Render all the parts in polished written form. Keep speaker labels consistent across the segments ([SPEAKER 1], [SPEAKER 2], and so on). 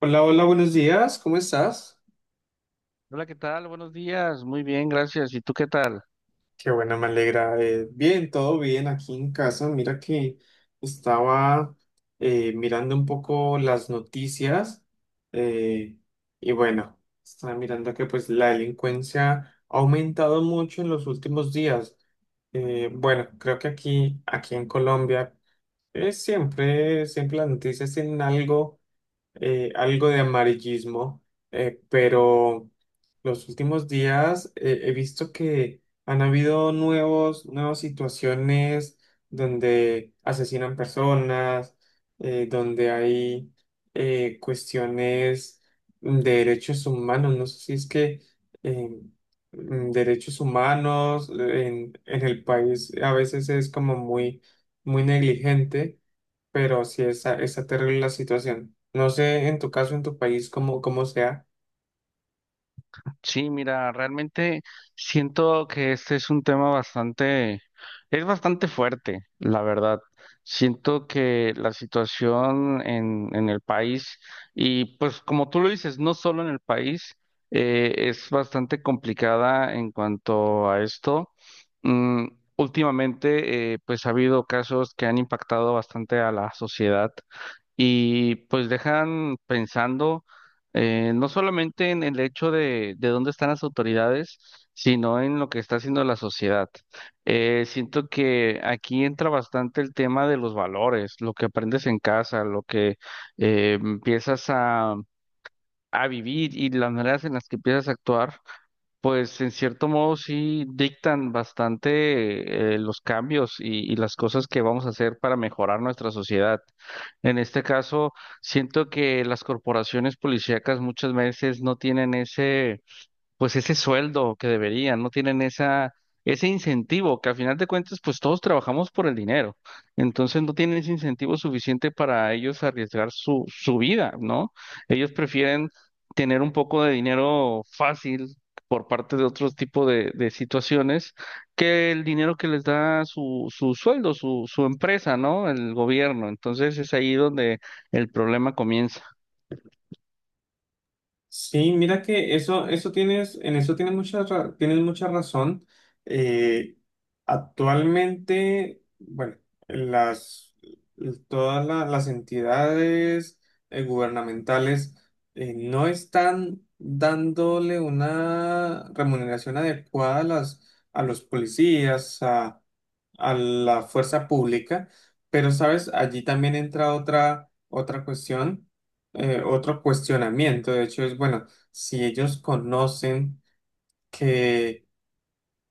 [SPEAKER 1] Hola, hola, buenos días, ¿cómo estás?
[SPEAKER 2] Hola, ¿qué tal? Buenos días. Muy bien, gracias. ¿Y tú qué tal?
[SPEAKER 1] Qué bueno, me alegra. Bien, todo bien aquí en casa. Mira que estaba mirando un poco las noticias eh, y bueno, estaba mirando que pues la delincuencia ha aumentado mucho en los últimos días. Bueno, creo que aquí en Colombia siempre las noticias tienen algo, algo de amarillismo, pero los últimos días he visto que han habido nuevas situaciones donde asesinan personas, donde hay cuestiones de derechos humanos. No sé si es que eh, derechos humanos en el país a veces es como muy negligente, pero sí está terrible la situación. No sé en tu caso, en tu país, cómo sea.
[SPEAKER 2] Sí, mira, realmente siento que este es un tema es bastante fuerte, la verdad. Siento que la situación en el país, y pues como tú lo dices, no solo en el país, es bastante complicada en cuanto a esto. Mm, últimamente, pues ha habido casos que han impactado bastante a la sociedad y pues dejan pensando. No solamente en el hecho de dónde están las autoridades, sino en lo que está haciendo la sociedad. Siento que aquí entra bastante el tema de los valores, lo que aprendes en casa, lo que empiezas a vivir y las maneras en las que empiezas a actuar pues en cierto modo sí dictan bastante los cambios y las cosas que vamos a hacer para mejorar nuestra sociedad. En este caso, siento que las corporaciones policíacas muchas veces no tienen ese pues ese sueldo que deberían, no tienen ese incentivo, que al final de cuentas, pues todos trabajamos por el dinero. Entonces no tienen ese incentivo suficiente para ellos arriesgar su vida, ¿no? Ellos prefieren tener un poco de dinero fácil por parte de otro tipo de situaciones que el dinero que les da su sueldo, su empresa, ¿no? El gobierno. Entonces es ahí donde el problema comienza.
[SPEAKER 1] Sí, mira que eso tienes, en eso tienes mucha, tienes mucha razón. Eh, Actualmente, bueno, las, todas las entidades gubernamentales no están dándole una remuneración adecuada a las, a los policías, a la fuerza pública, pero sabes, allí también entra otra cuestión, otro cuestionamiento, de hecho, es, bueno, si ellos conocen que,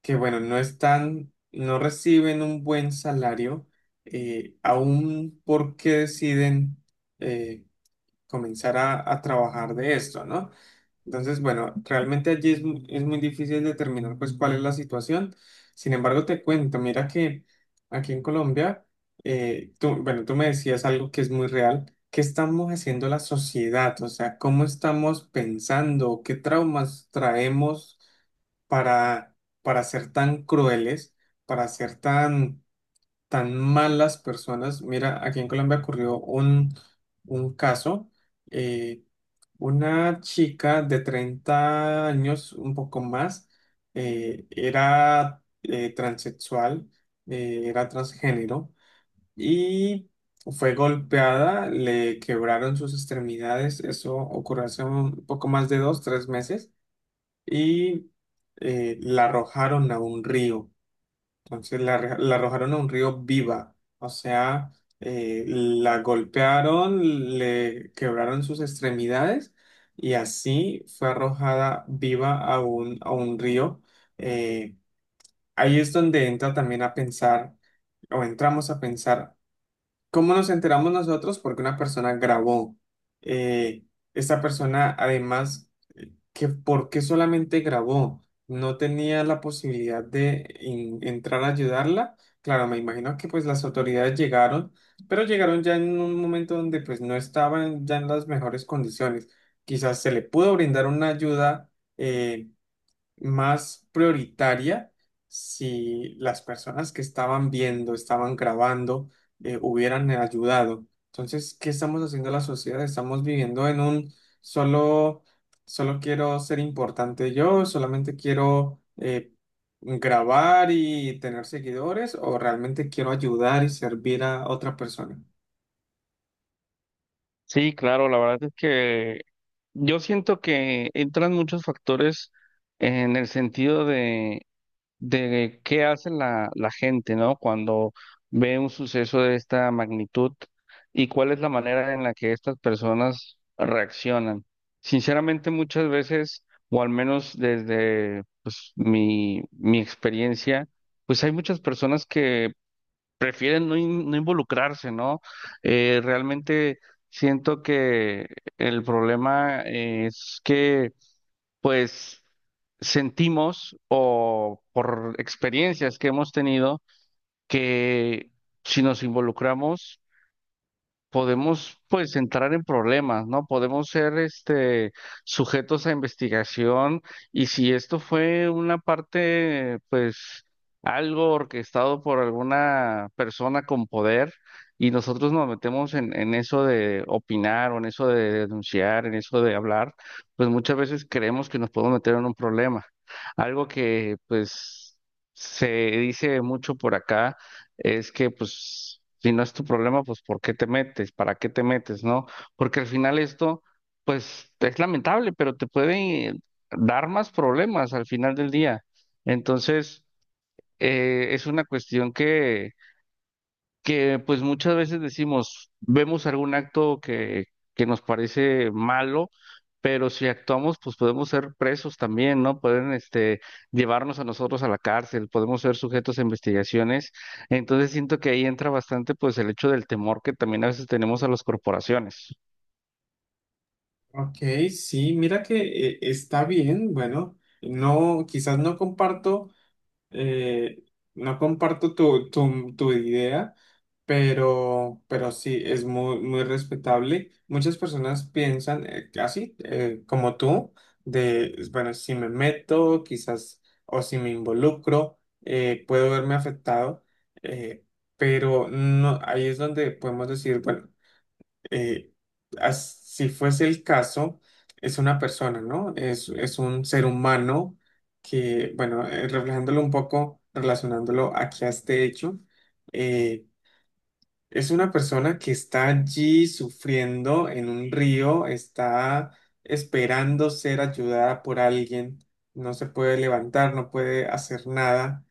[SPEAKER 1] que bueno, no reciben un buen salario, aún por qué deciden, eh, comenzar a trabajar de esto, ¿no? Entonces, bueno, realmente allí es, es muy difícil determinar pues cuál es la situación. Sin embargo, te cuento, mira que aquí en Colombia, tú, bueno, tú me decías algo que es muy real. ¿Qué estamos haciendo la sociedad? O sea, ¿cómo estamos pensando? ¿Qué traumas traemos para, para ser tan crueles, para ser tan tan malas personas? Mira, aquí en Colombia ocurrió un caso. eh, una chica de 30 años, un poco más, era transexual, era transgénero y fue golpeada, le quebraron sus extremidades. Eso ocurrió hace un poco más de dos, tres meses y la arrojaron a un río. Entonces la arrojaron a un río viva, o sea, la golpearon, le quebraron sus extremidades y así fue arrojada viva a un río. Eh, Ahí es donde entra también a pensar, o entramos a pensar, ¿cómo nos enteramos nosotros? Porque una persona grabó. Eh, Esta persona además, ¿que por qué solamente grabó? No tenía la posibilidad de entrar a ayudarla. Claro, me imagino que pues las autoridades llegaron, pero llegaron ya en un momento donde pues no estaban ya en las mejores condiciones. Quizás se le pudo brindar una ayuda eh, más prioritaria si las personas que estaban viendo, estaban grabando, hubieran ayudado. Entonces, ¿qué estamos haciendo la sociedad? Estamos viviendo en un solo, solo quiero ser importante yo, solamente quiero grabar y tener seguidores, o realmente quiero ayudar y servir a otra persona.
[SPEAKER 2] Sí, claro, la verdad es que yo siento que entran muchos factores en el sentido de qué hace la gente, ¿no? Cuando ve un suceso de esta magnitud y cuál es la manera en la que estas personas reaccionan. Sinceramente, muchas veces, o al menos desde pues, mi experiencia, pues hay muchas personas que prefieren no involucrarse, ¿no? Realmente siento que el problema pues, sentimos o por experiencias que hemos tenido que si nos involucramos, podemos pues entrar en problemas, ¿no? Podemos ser este sujetos a investigación y si esto fue una parte pues algo orquestado por alguna persona con poder y nosotros nos metemos en eso de opinar o en eso de denunciar, en eso de hablar, pues muchas veces creemos que nos podemos meter en un problema. Algo que pues se dice mucho por acá es que pues si no es tu problema, pues ¿por qué te metes? ¿Para qué te metes? ¿No? Porque al final esto, pues es lamentable, pero te puede dar más problemas al final del día. Entonces, es una cuestión que pues muchas veces decimos, vemos algún acto que nos parece malo, pero si actuamos, pues podemos ser presos también, ¿no? Pueden este, llevarnos a nosotros a la cárcel, podemos ser sujetos a investigaciones. Entonces siento que ahí entra bastante pues el hecho del temor que también a veces tenemos a las corporaciones.
[SPEAKER 1] Ok, sí, mira que está bien, bueno, no, quizás no comparto. Eh, no comparto tu idea, pero sí, es muy respetable. Muchas personas piensan así, como tú, de, bueno, si me meto, quizás, o si me involucro, puedo verme afectado, eh, pero no, ahí es donde podemos decir, bueno, eh, si fuese el caso, es una persona, ¿no? Es un ser humano que, bueno, reflejándolo un poco, relacionándolo aquí a este hecho, eh, es una persona que está allí sufriendo en un río, está esperando ser ayudada por alguien, no se puede levantar, no puede hacer nada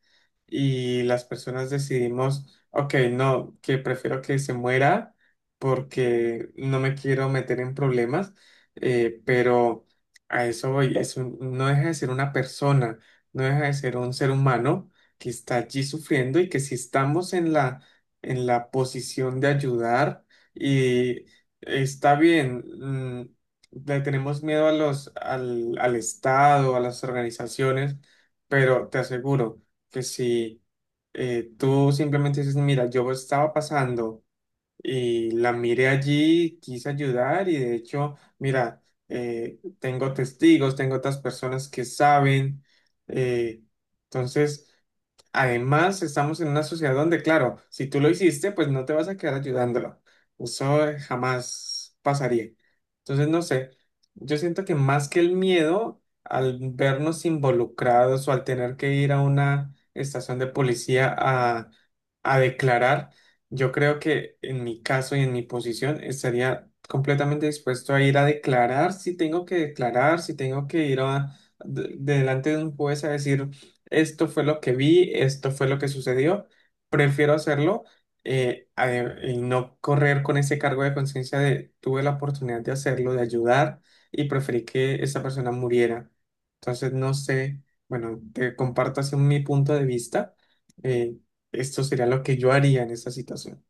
[SPEAKER 1] y las personas decidimos, ok, no, que prefiero que se muera porque no me quiero meter en problemas, pero a eso voy, no deja de ser una persona, no deja de ser un ser humano que está allí sufriendo y que si estamos en la posición de ayudar y está bien, mm, le tenemos miedo a los, al, al Estado, a las organizaciones, pero te aseguro que si tú simplemente dices, mira, yo estaba pasando y la miré allí, quise ayudar y de hecho, mira, tengo testigos, tengo otras personas que saben, eh, entonces... Además, estamos en una sociedad donde, claro, si tú lo hiciste, pues no te vas a quedar ayudándolo. Eso jamás pasaría. Entonces, no sé, yo siento que más que el miedo al vernos involucrados o al tener que ir a una estación de policía a declarar, yo creo que en mi caso y en mi posición estaría completamente dispuesto a ir a declarar si tengo que declarar, si tengo que ir delante de un juez a decir esto fue lo que vi, esto fue lo que sucedió, prefiero hacerlo eh, a- y no correr con ese cargo de conciencia de tuve la oportunidad de hacerlo, de ayudar y preferí que esa persona muriera. Entonces, no sé, bueno, te comparto así mi punto de vista, eh, esto sería lo que yo haría en esa situación.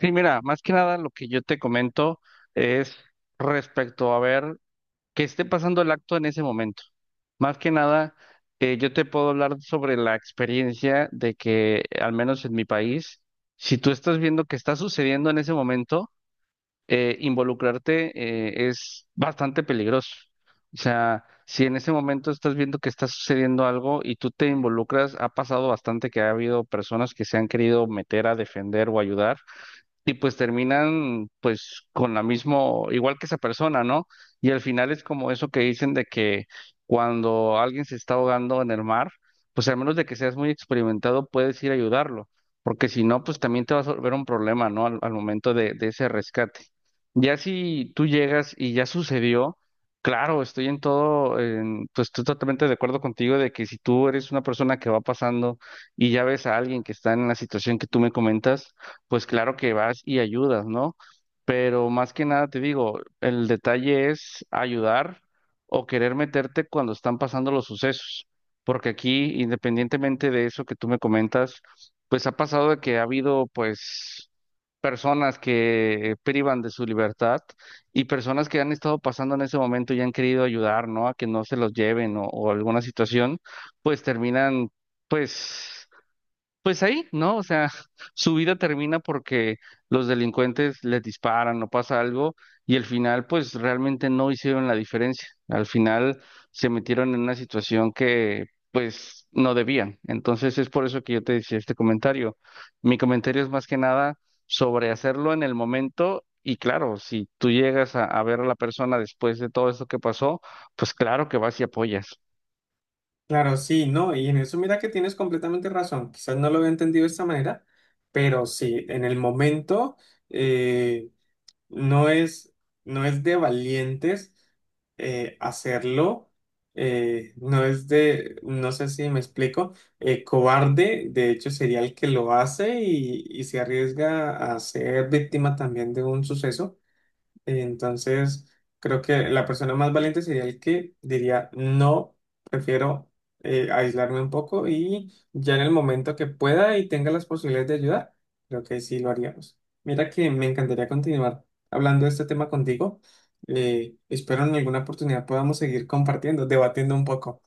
[SPEAKER 2] Sí, mira, más que nada lo que yo te comento es respecto a ver que esté pasando el acto en ese momento. Más que nada, yo te puedo hablar sobre la experiencia de que al menos en mi país, si tú estás viendo que está sucediendo en ese momento, involucrarte es bastante peligroso. O sea, si en ese momento estás viendo que está sucediendo algo y tú te involucras, ha pasado bastante que ha habido personas que se han querido meter a defender o ayudar y pues terminan pues con la mismo, igual que esa persona, ¿no? Y al final es como eso que dicen de que cuando alguien se está ahogando en el mar, pues al menos de que seas muy experimentado, puedes ir a ayudarlo, porque si no, pues también te vas a volver un problema, ¿no? Al momento de ese rescate. Ya si tú llegas y ya sucedió, claro, estoy en todo, pues estoy totalmente de acuerdo contigo de que si tú eres una persona que va pasando y ya ves a alguien que está en la situación que tú me comentas, pues claro que vas y ayudas, ¿no? Pero más que nada te digo, el detalle es ayudar o querer meterte cuando están pasando los sucesos, porque aquí, independientemente de eso que tú me comentas, pues ha pasado de que ha habido pues personas que privan de su libertad y personas que han estado pasando en ese momento y han querido ayudar, ¿no? A que no se los lleven o alguna situación, pues terminan pues pues ahí, ¿no? O sea, su vida termina porque los delincuentes les disparan o pasa algo y al final pues realmente no hicieron la diferencia. Al final se metieron en una situación que pues no debían. Entonces es por eso que yo te decía este comentario. Mi comentario es más que nada sobre hacerlo en el momento y claro, si tú llegas a ver a la persona después de todo esto que pasó, pues claro que vas y apoyas.
[SPEAKER 1] Claro, sí, no, y en eso mira que tienes completamente razón, quizás no lo había entendido de esta manera, pero sí, en el momento... eh, no no es de valientes hacerlo, no es de, no sé si me explico, cobarde, de hecho sería el que lo hace y se arriesga a ser víctima también de un suceso. Entonces, creo que la persona más valiente sería el que diría, no, prefiero aislarme un poco y ya en el momento que pueda y tenga las posibilidades de ayudar, creo que sí lo haríamos. Mira que me encantaría continuar hablando de este tema contigo. Espero en alguna oportunidad podamos seguir compartiendo, debatiendo un poco.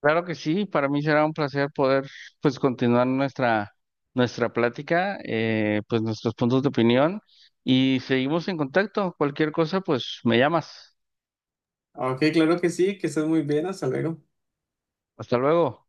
[SPEAKER 2] Claro que sí, para mí será un placer poder pues continuar nuestra plática, pues nuestros puntos de opinión y seguimos en contacto. Cualquier cosa, pues me llamas.
[SPEAKER 1] Ok, claro que sí, que estés muy bien, hasta luego.
[SPEAKER 2] Hasta luego.